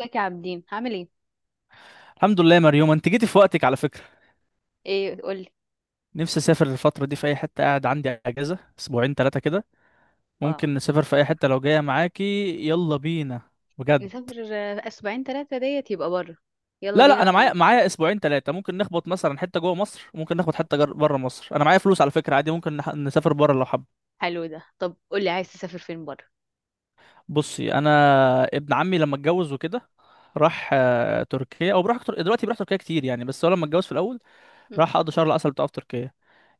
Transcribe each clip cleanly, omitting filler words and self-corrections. ازيك يا عابدين؟ هعمل ايه؟ الحمد لله يا مريوم، انت جيتي في وقتك على فكرة. ايه قولي. نفسي اسافر الفترة دي في اي حتة. قاعد عندي اجازة اسبوعين ثلاثة كده. اه، ممكن نسافر في اي حتة لو جاية معاكي. يلا بينا، بجد. نسافر اسبوعين ثلاثه ديت يبقى بره. يلا لا لا، انا بينا معايا انا. معايا اسبوعين ثلاثة. ممكن نخبط مثلا حتة جوه مصر، ممكن نخبط حتة بره مصر. انا معايا فلوس على فكرة، عادي ممكن نسافر بره لو حب. حلو ده. طب قولي، عايز تسافر فين بره؟ بصي، انا ابن عمي لما اتجوز وكده راح تركيا، او بروح دلوقتي، بروح تركيا كتير يعني. بس هو لما اتجوز في الاول مم. راح قضى شهر العسل بتاعه في تركيا.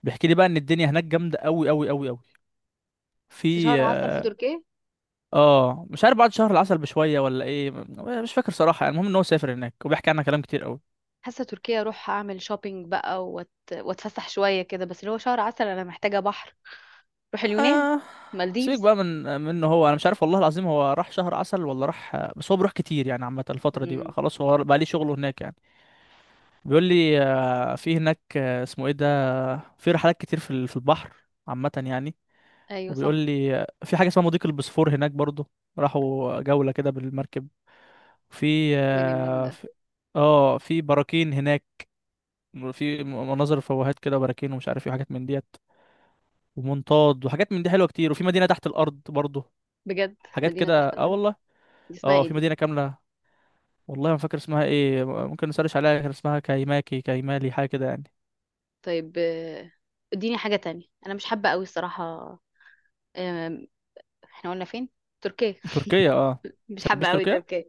بيحكي لي بقى ان الدنيا هناك جامده قوي قوي قوي قوي. بس في، شهر عسل في تركيا؟ اه مش عارف بعد شهر العسل بشويه ولا ايه، مش فاكر صراحه يعني. المهم ان هو سافر هناك وبيحكي عنها كلام كتير قوي. حاسه تركيا اروح اعمل شوبينج بقى واتفسح شويه كده، بس اللي هو شهر عسل انا محتاجه بحر. روح اليونان، آه. سيبك مالديفز. بقى من منه، هو انا مش عارف والله العظيم هو راح شهر عسل ولا راح، بس هو بيروح كتير يعني. عامه الفتره دي بقى مم. خلاص هو بقى ليه شغله هناك يعني. بيقول لي في هناك، اسمه ايه ده، في رحلات كتير في في البحر، عامه يعني. ايوه وبيقول صح. لي في حاجه اسمها مضيق البوسفور هناك برضو. راحوا جوله كده بالمركب. في ده جميل آه، ده. في اه في براكين هناك، في مناظر فوهات كده وبراكين ومش عارف ايه وحاجات من ديت، ومنطاد وحاجات من دي حلوه كتير، وفي مدينه تحت الارض برضه. بجد؟ حاجات مدينه كده، تحت اه الارض؟ والله. دي اسمها اه ايه في دي؟ مدينه كامله، والله ما فاكر اسمها ايه، ممكن نسرش عليها. كان اسمها كايماكي كايمالي حاجه كده يعني. طيب. اديني حاجه تانية، انا مش حابه قوي الصراحه. آم، احنا قلنا فين؟ تركيا. تركيا، اه. مش حابة تحبش قوي تركيا؟ تركيا.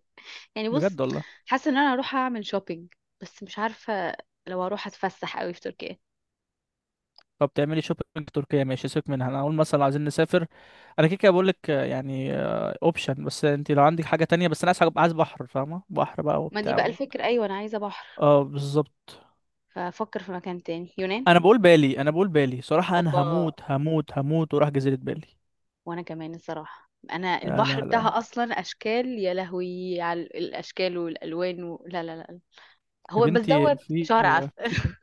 يعني بص، بجد والله. حاسة ان انا هروح اعمل شوبينج، بس مش عارفة لو هروح اتفسح قوي في تركيا. طب تعملي شوبينج تركيا ماشي، سيبك منها. انا اقول مثلا عايزين نسافر. انا كده كده بقول لك، يعني اوبشن. بس انت لو عندك حاجه تانية. بس انا عايز عايز بحر، فاهمه؟ بحر بقى ما دي وبتاع بقى و... الفكرة، ايوه انا عايزة بحر. اه بالظبط. فافكر في مكان تاني، يونان. انا بقول بالي صراحة، انا اوبا. هموت هموت هموت وراح جزيرة بالي. وانا كمان الصراحة انا لا البحر لا بتاعها لا، اصلا اشكال، يا لهوي على الاشكال والالوان لا، لا، لا. يا هو بس بنتي. دوت في شهر عسل. في شيء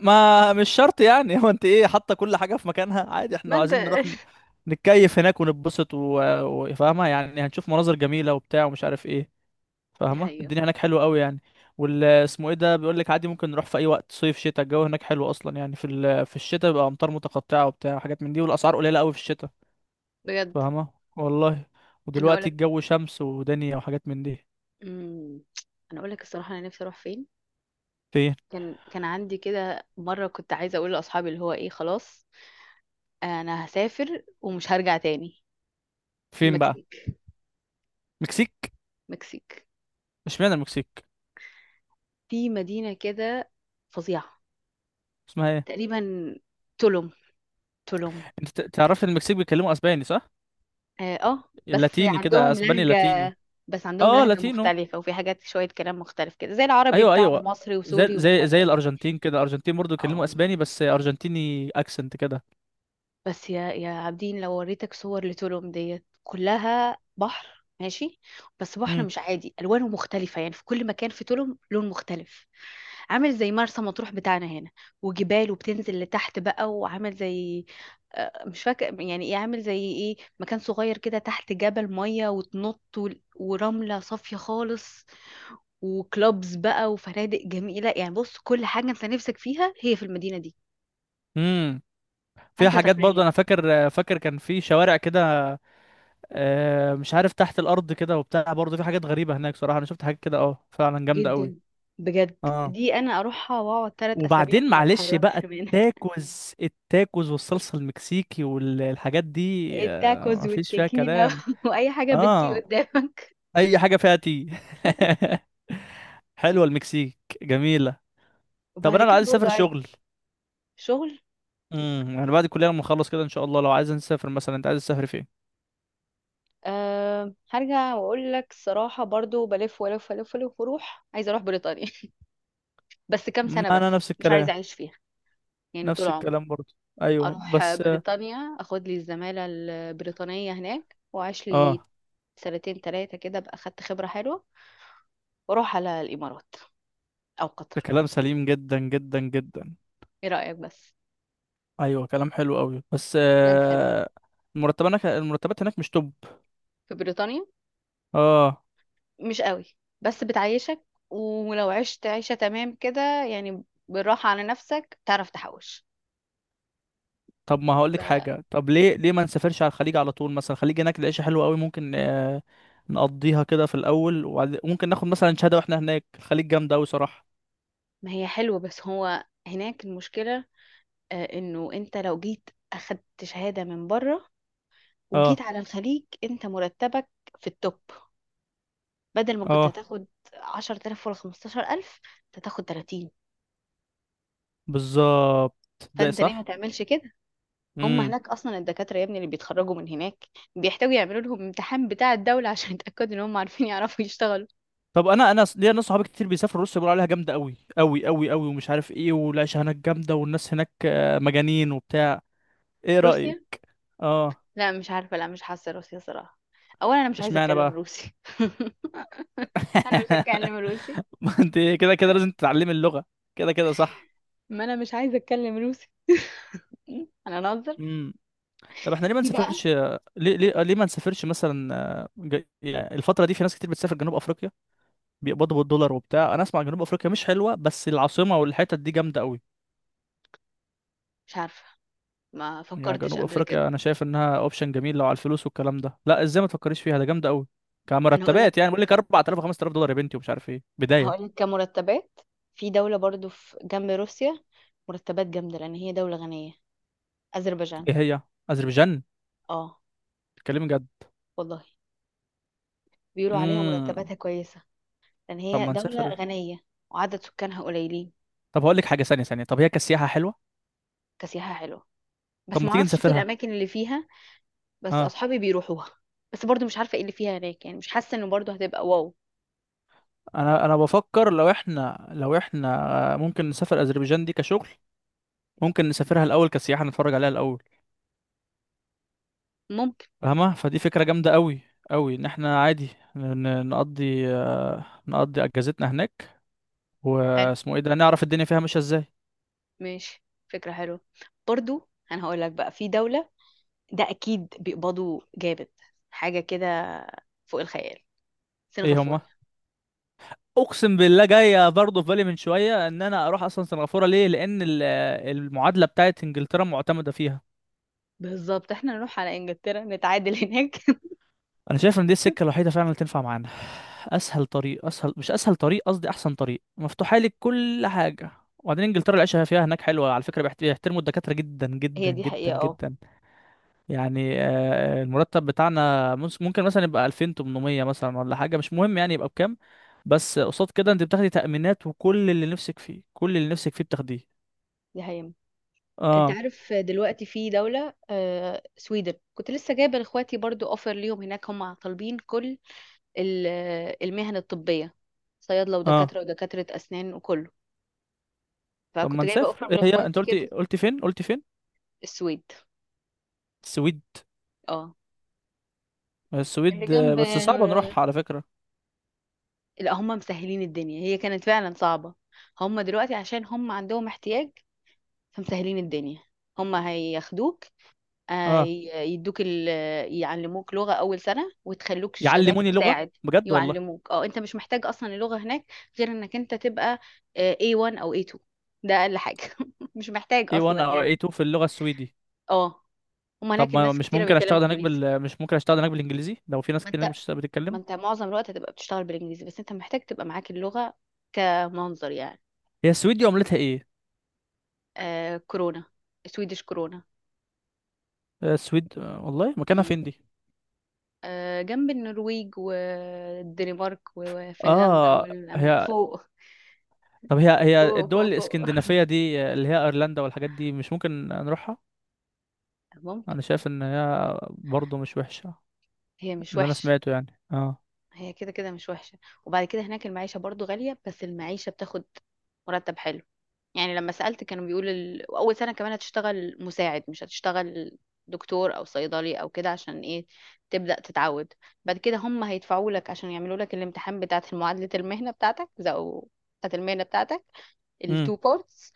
ما مش شرط يعني. هو انت ايه، حاطة كل حاجة في مكانها؟ عادي احنا ما لو انت، عايزين نروح نتكيف هناك ونتبسط و-، وفاهمة يعني هنشوف مناظر جميلة وبتاع ومش عارف ايه. ده فاهمة؟ هي. الدنيا هناك حلوة قوي يعني. وال اسمه ايه ده بيقول لك عادي ممكن نروح في اي وقت، صيف شتاء الجو هناك حلو اصلا يعني. في الشتاء بيبقى امطار متقطعة وبتاع وحاجات من دي، والاسعار قليلة قوي في الشتاء. بجد. فاهمة؟ والله. انا ودلوقتي هقولك. الجو شمس ودنيا وحاجات من دي. امم، انا هقولك الصراحة انا نفسي اروح فين. فين؟ كان كان عندي كده مرة كنت عايزة أقول لأصحابي اللي هو إيه، خلاص انا هسافر ومش هرجع تاني. فين بقى؟ المكسيك. مكسيك. مكسيك. اشمعنى المكسيك؟ في مدينة كده فظيعة اسمها ايه؟ تقريبا، تولوم. تولوم. انت تعرف إن المكسيك بيتكلموا اسباني، صح؟ اه، بس اللاتيني كده، عندهم اسباني لهجة. لاتيني. بس عندهم اه، لهجة لاتينو. مختلفة، وفي حاجات شوية كلام مختلف كده، زي العربي ايوه بتاعنا ايوه. مصري زي وسوري ومش زي زي عارفة ايه. الارجنتين كده، الارجنتين برضو بيتكلموا اه. اسباني بس ارجنتيني اكسنت كده. بس يا يا عابدين، لو وريتك صور لتولوم ديت كلها بحر ماشي، بس بحر امم. مش عادي، الوانه مختلفه يعني، في كل مكان في تولوم لون مختلف. عامل زي مرسى مطروح بتاعنا هنا. وجبال، وبتنزل لتحت بقى، وعامل زي، مش فاكر يعني ايه، عامل زي ايه، مكان صغير كده تحت جبل، ميه وتنط ورمله صافيه خالص، وكلوبز بقى، وفنادق جميله. يعني بص، كل حاجه انت نفسك فيها هي في المدينه دي. امم. في انت حاجات برضو تخيل. انا فاكر كان في شوارع كده، مش عارف، تحت الارض كده وبتاع، برضو في حاجات غريبة هناك صراحة. انا شفت حاجات كده اه، فعلا جامدة قوي. جدا. بجد. اه. دي انا اروحها واقعد ثلاث اسابيع وبعدين وما معلش بقى اتحركش منها. التاكوز التاكوز والصلصة المكسيكي والحاجات دي، التاكوز مفيش فيها والتيكيلا كلام. واي حاجه بنتي اه قدامك. اي حاجة فيها تي. حلوة المكسيك، جميلة. طب وبعد انا لو كده عايز برضو اسافر عايز؟ شغل، شغل. يعني بعد الكلية لما اخلص كده ان شاء الله، لو عايز نسافر مثلا، انت عايز تسافر فين؟ أه هرجع واقول لك الصراحه، برضو بلف ولف ولف ولف واروح، عايزه اروح بريطانيا. بس كام سنه، انا بس نفس مش عايزه الكلام. اعيش فيها يعني طول نفس عمري. الكلام برضه. ايوه اروح بس بريطانيا، اخد لي الزماله البريطانيه هناك، واعيش لي اه، سنتين ثلاثه كده، ابقى اخدت خبره حلوه. واروح على الامارات او ده قطر. كلام سليم جدا جدا جدا. ايه رايك بس؟ ايوه كلام حلو قوي، بس بلاد حلوة. آه، المرتبات هناك، المرتبات هناك مش توب. في بريطانيا؟ اه. مش قوي، بس بتعيشك. ولو عشت عيشة تمام كده يعني، بالراحة على نفسك، تعرف تحوش. طب ما هقول لك فما. حاجه، طب ليه ما نسافرش على الخليج على طول مثلا؟ الخليج هناك العيشه حلوه قوي، ممكن نقضيها كده في الاول، وبعد ممكن ناخد مثلا شهاده واحنا هناك. الخليج جامده قوي صراحه. هي حلوة، بس هو هناك المشكلة، انه انت لو جيت اخدت شهادة من بره وجيت اه. على الخليج، انت مرتبك في التوب. بدل ما كنت اه هتاخد 10000 ولا 15000، انت هتاخد 30. بالظبط، ده فانت ليه ما صح. تعملش كده؟ هم امم. هناك اصلا الدكاتره يا ابني اللي بيتخرجوا من هناك بيحتاجوا يعملوا لهم امتحان بتاع الدوله عشان يتاكدوا ان هم عارفين يعرفوا يشتغلوا. طب انا ليا ناس صحابي كتير بيسافروا روسيا، بيقولوا عليها جامده قوي قوي قوي قوي ومش عارف ايه، والعيشه هناك جامده والناس هناك مجانين وبتاع. ايه رايك؟ روسيا؟ اه. لا مش عارفه، لا مش حاسه روسيا صراحه. اولا انا مش عايزه اشمعنى اتكلم بقى؟ روسي. انا مش هتكلم روسي. ما انت كده كده لازم تتعلمي اللغه، كده كده صح. ما انا مش عايزه اتكلم روسي. م? انا انظر. طب احنا ليه ما دي بقى نسافرش؟ ليه؟ ليه ما نسافرش مثلا؟ يعني الفترة دي في ناس كتير بتسافر جنوب افريقيا، بيقبضوا بالدولار وبتاع. انا اسمع جنوب افريقيا مش حلوة بس العاصمة والحتت دي جامدة قوي. مش عارفه، ما يعني فكرتش جنوب قبل كده. افريقيا انا شايف انها اوبشن جميل لو على الفلوس والكلام ده. لا ازاي ما تفكريش فيها؟ ده جامدة قوي انا هقول لك، كمرتبات، يعني بقول لك 4000 5000 دولار يا بنتي ومش عارف ايه، بداية. هقول لك كمرتبات، في دوله برضو في جنب روسيا، مرتبات جامده لان هي دوله غنيه. اذربيجان. ايه هي؟ اذربيجان. اه، اتكلمي جد؟ والله بيقولوا عليها امم. مرتباتها كويسه، لان طب هي ما دولة نسافر. غنية وعدد سكانها قليلين. طب هقول لك حاجة، ثانية طب هي كسياحة حلوة؟ كسياحة حلوة، طب بس ما تيجي معرفش في نسافرها. الاماكن اللي فيها. بس اه. اصحابي بيروحوها. بس برضو مش عارفة ايه اللي فيها هناك يعني، مش حاسة انه برضو هتبقى واو. انا بفكر لو احنا، ممكن نسافر اذربيجان دي كشغل، ممكن نسافرها الاول كسياحه نتفرج عليها الاول، ممكن. فاهمه؟ فدي فكره جامده قوي قوي ان احنا عادي نقضي، نقضي اجازتنا هناك، حلو، واسمه ايه ده، نعرف الدنيا فيها ماشيه ازاي. ماشي، فكرة حلوة. برضو انا هقول لك بقى، في دولة ده اكيد بيقبضوا جامد، حاجة كده فوق الخيال، ايه هما؟ سنغافورة. اقسم بالله جايه برضه في بالي من شويه ان انا اروح اصلا سنغافوره، ليه؟ لان المعادله بتاعت انجلترا معتمده فيها. بالظبط، احنا نروح على انجلترا نتعادل هناك. انا شايف ان دي السكه الوحيده فعلا اللي تنفع معانا، اسهل طريق، اسهل مش اسهل طريق، قصدي احسن طريق مفتوحه لك كل حاجه. وبعدين انجلترا العيشه فيها هناك حلوه على فكره، بيحترموا الدكاتره جدا هي جدا دي جدا حقيقة اه. جدا. يعني المرتب بتاعنا ممكن مثلا يبقى 2800 مثلا ولا حاجه، مش مهم يعني يبقى بكام. بس قصاد كده انت بتاخدي تأمينات وكل اللي نفسك فيه، كل اللي نفسك فيه بتاخديه. دي حقيقة. انت اه. عارف دلوقتي في دولة، سويدن، كنت لسه جايبة لاخواتي برضو اوفر ليهم هناك، هم طالبين كل ال- المهن الطبية، صيادلة اه. ودكاترة ودكاترة اسنان وكله. طب ما فكنت جايبة نسافر. اوفر ايه هي؟ انت لاخواتي قلتي كده. قلتي فين؟ قلتي فين؟ السويد. السويد. اه. اللي السويد، جنب بس صعب نروح على فكره. لا هم مسهلين الدنيا، هي كانت فعلا صعبة، هم دلوقتي عشان هم عندهم احتياج فمسهلين الدنيا، هم هياخدوه، اه يدوك يعلموك لغة أول سنة وتخلوك شغال يعلموني لغة؟ مساعد. بجد والله. يعلموك اه، انت مش محتاج اصلا اللغة هناك، غير انك انت تبقى A1 او A2، ده اقل حاجة. مش محتاج A1 اصلا او يعني. A2 في اللغة السويدي؟ اه، هما هناك طب ما الناس مش كتيرة ممكن بيتكلموا اشتغل هناك انجليزي. بال، مش ممكن اشتغل هناك بالانجليزي لو في ناس ما كتير هناك انت مش ما بتتكلم؟ انت معظم الوقت هتبقى بتشتغل بالانجليزي، بس انت محتاج تبقى معاك اللغة كمنظر يعني. هي السويد دي عملتها ايه؟ آه كورونا. سويدش كورونا. آه، السويد آه، والله مكانها امم. فين دي؟ آه جنب النرويج والدنمارك وفنلندا اه. والأماكن هي. فوق. طب هي هي فوق الدول فوق فوق الاسكندنافية دي اللي هي ايرلندا والحاجات دي، مش ممكن نروحها؟ ممكن. انا شايف ان هي برضه مش وحشة، هي مش اللي انا وحشة. سمعته يعني، اه. هي كده كده مش وحشة. وبعد كده هناك المعيشة برضو غالية، بس المعيشة بتاخد مرتب حلو. يعني لما سألت كانوا بيقولوا أول سنة كمان هتشتغل مساعد، مش هتشتغل دكتور أو صيدلي أو كده. عشان إيه؟ تبدأ تتعود. بعد كده هم هيدفعوا لك عشان يعملوا لك الامتحان بتاعة معادلة المهنة بتاعتك، بتاعة المهنة بتاعتك, التو بارتس،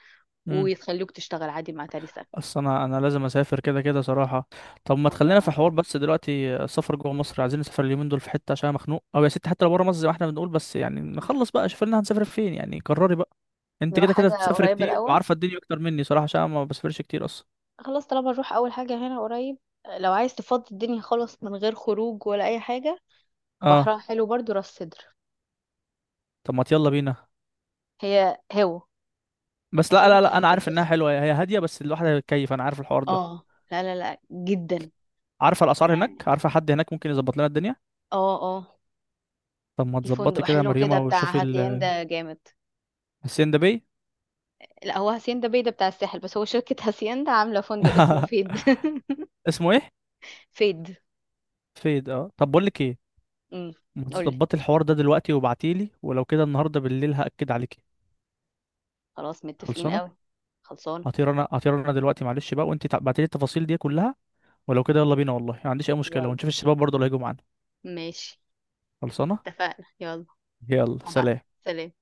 امم. ويخلوك تشتغل عادي مع تاني سنة. اصل انا لازم اسافر كده كده صراحه. طب ما والله تخلينا في وأنا حوار كمان. بس دلوقتي، السفر جوه مصر، عايزين نسافر اليومين دول في حته عشان أنا مخنوق، او يا ستي حتى لو بره مصر زي ما احنا بنقول. بس يعني آه. نخلص بقى، شوف لنا هنسافر فين يعني، قرري بقى. انت نروح كده كده حاجة بتسافر قريبة كتير الأول. وعارفه الدنيا اكتر مني صراحه، عشان أنا ما بسافرش كتير اصلا. خلاص، طالما نروح اول حاجه هنا قريب، لو عايز تفضي الدنيا خالص من غير خروج ولا اي حاجه، بحرها اه. حلو برضو، راس سدر. طب ما يلا بينا. هي هو. بس بس لا لا انت لا، انا عارف انها هتتبسط، حلوه، هي هاديه، بس الواحد هيتكيف، انا عارف الحوار ده. اه، لا لا لا جدا عارفه الاسعار هناك؟ يعني. عارفه حد هناك ممكن يظبط لنا الدنيا؟ اه اه. طب ما في فندق تظبطي كده يا حلو كده مريومه بتاع وشوفي ال-. هاسيندا جامد. السين ده بيه. لا هو هاسيندا بيدا بتاع الساحل، بس هو شركه هاسيندا عامله فندق اسمه فيد. اسمه ايه؟ فيد. فيد، اه. طب بقول لك ايه، امم. ما قولي. تظبطي الحوار ده دلوقتي وابعتيلي، ولو كده النهارده بالليل هأكد عليكي. خلاص، متفقين خلصانه. قوي. خلصانه. هطير انا دلوقتي معلش بقى، وانت ابعتيلي التفاصيل دي كلها، ولو كده يلا بينا والله، ما عنديش اي مشكله، يلا، ونشوف الشباب برضه اللي هيجوا معانا. ماشي، خلصانه. اتفقنا، يلا. يلا هبعت. سلام. سلام.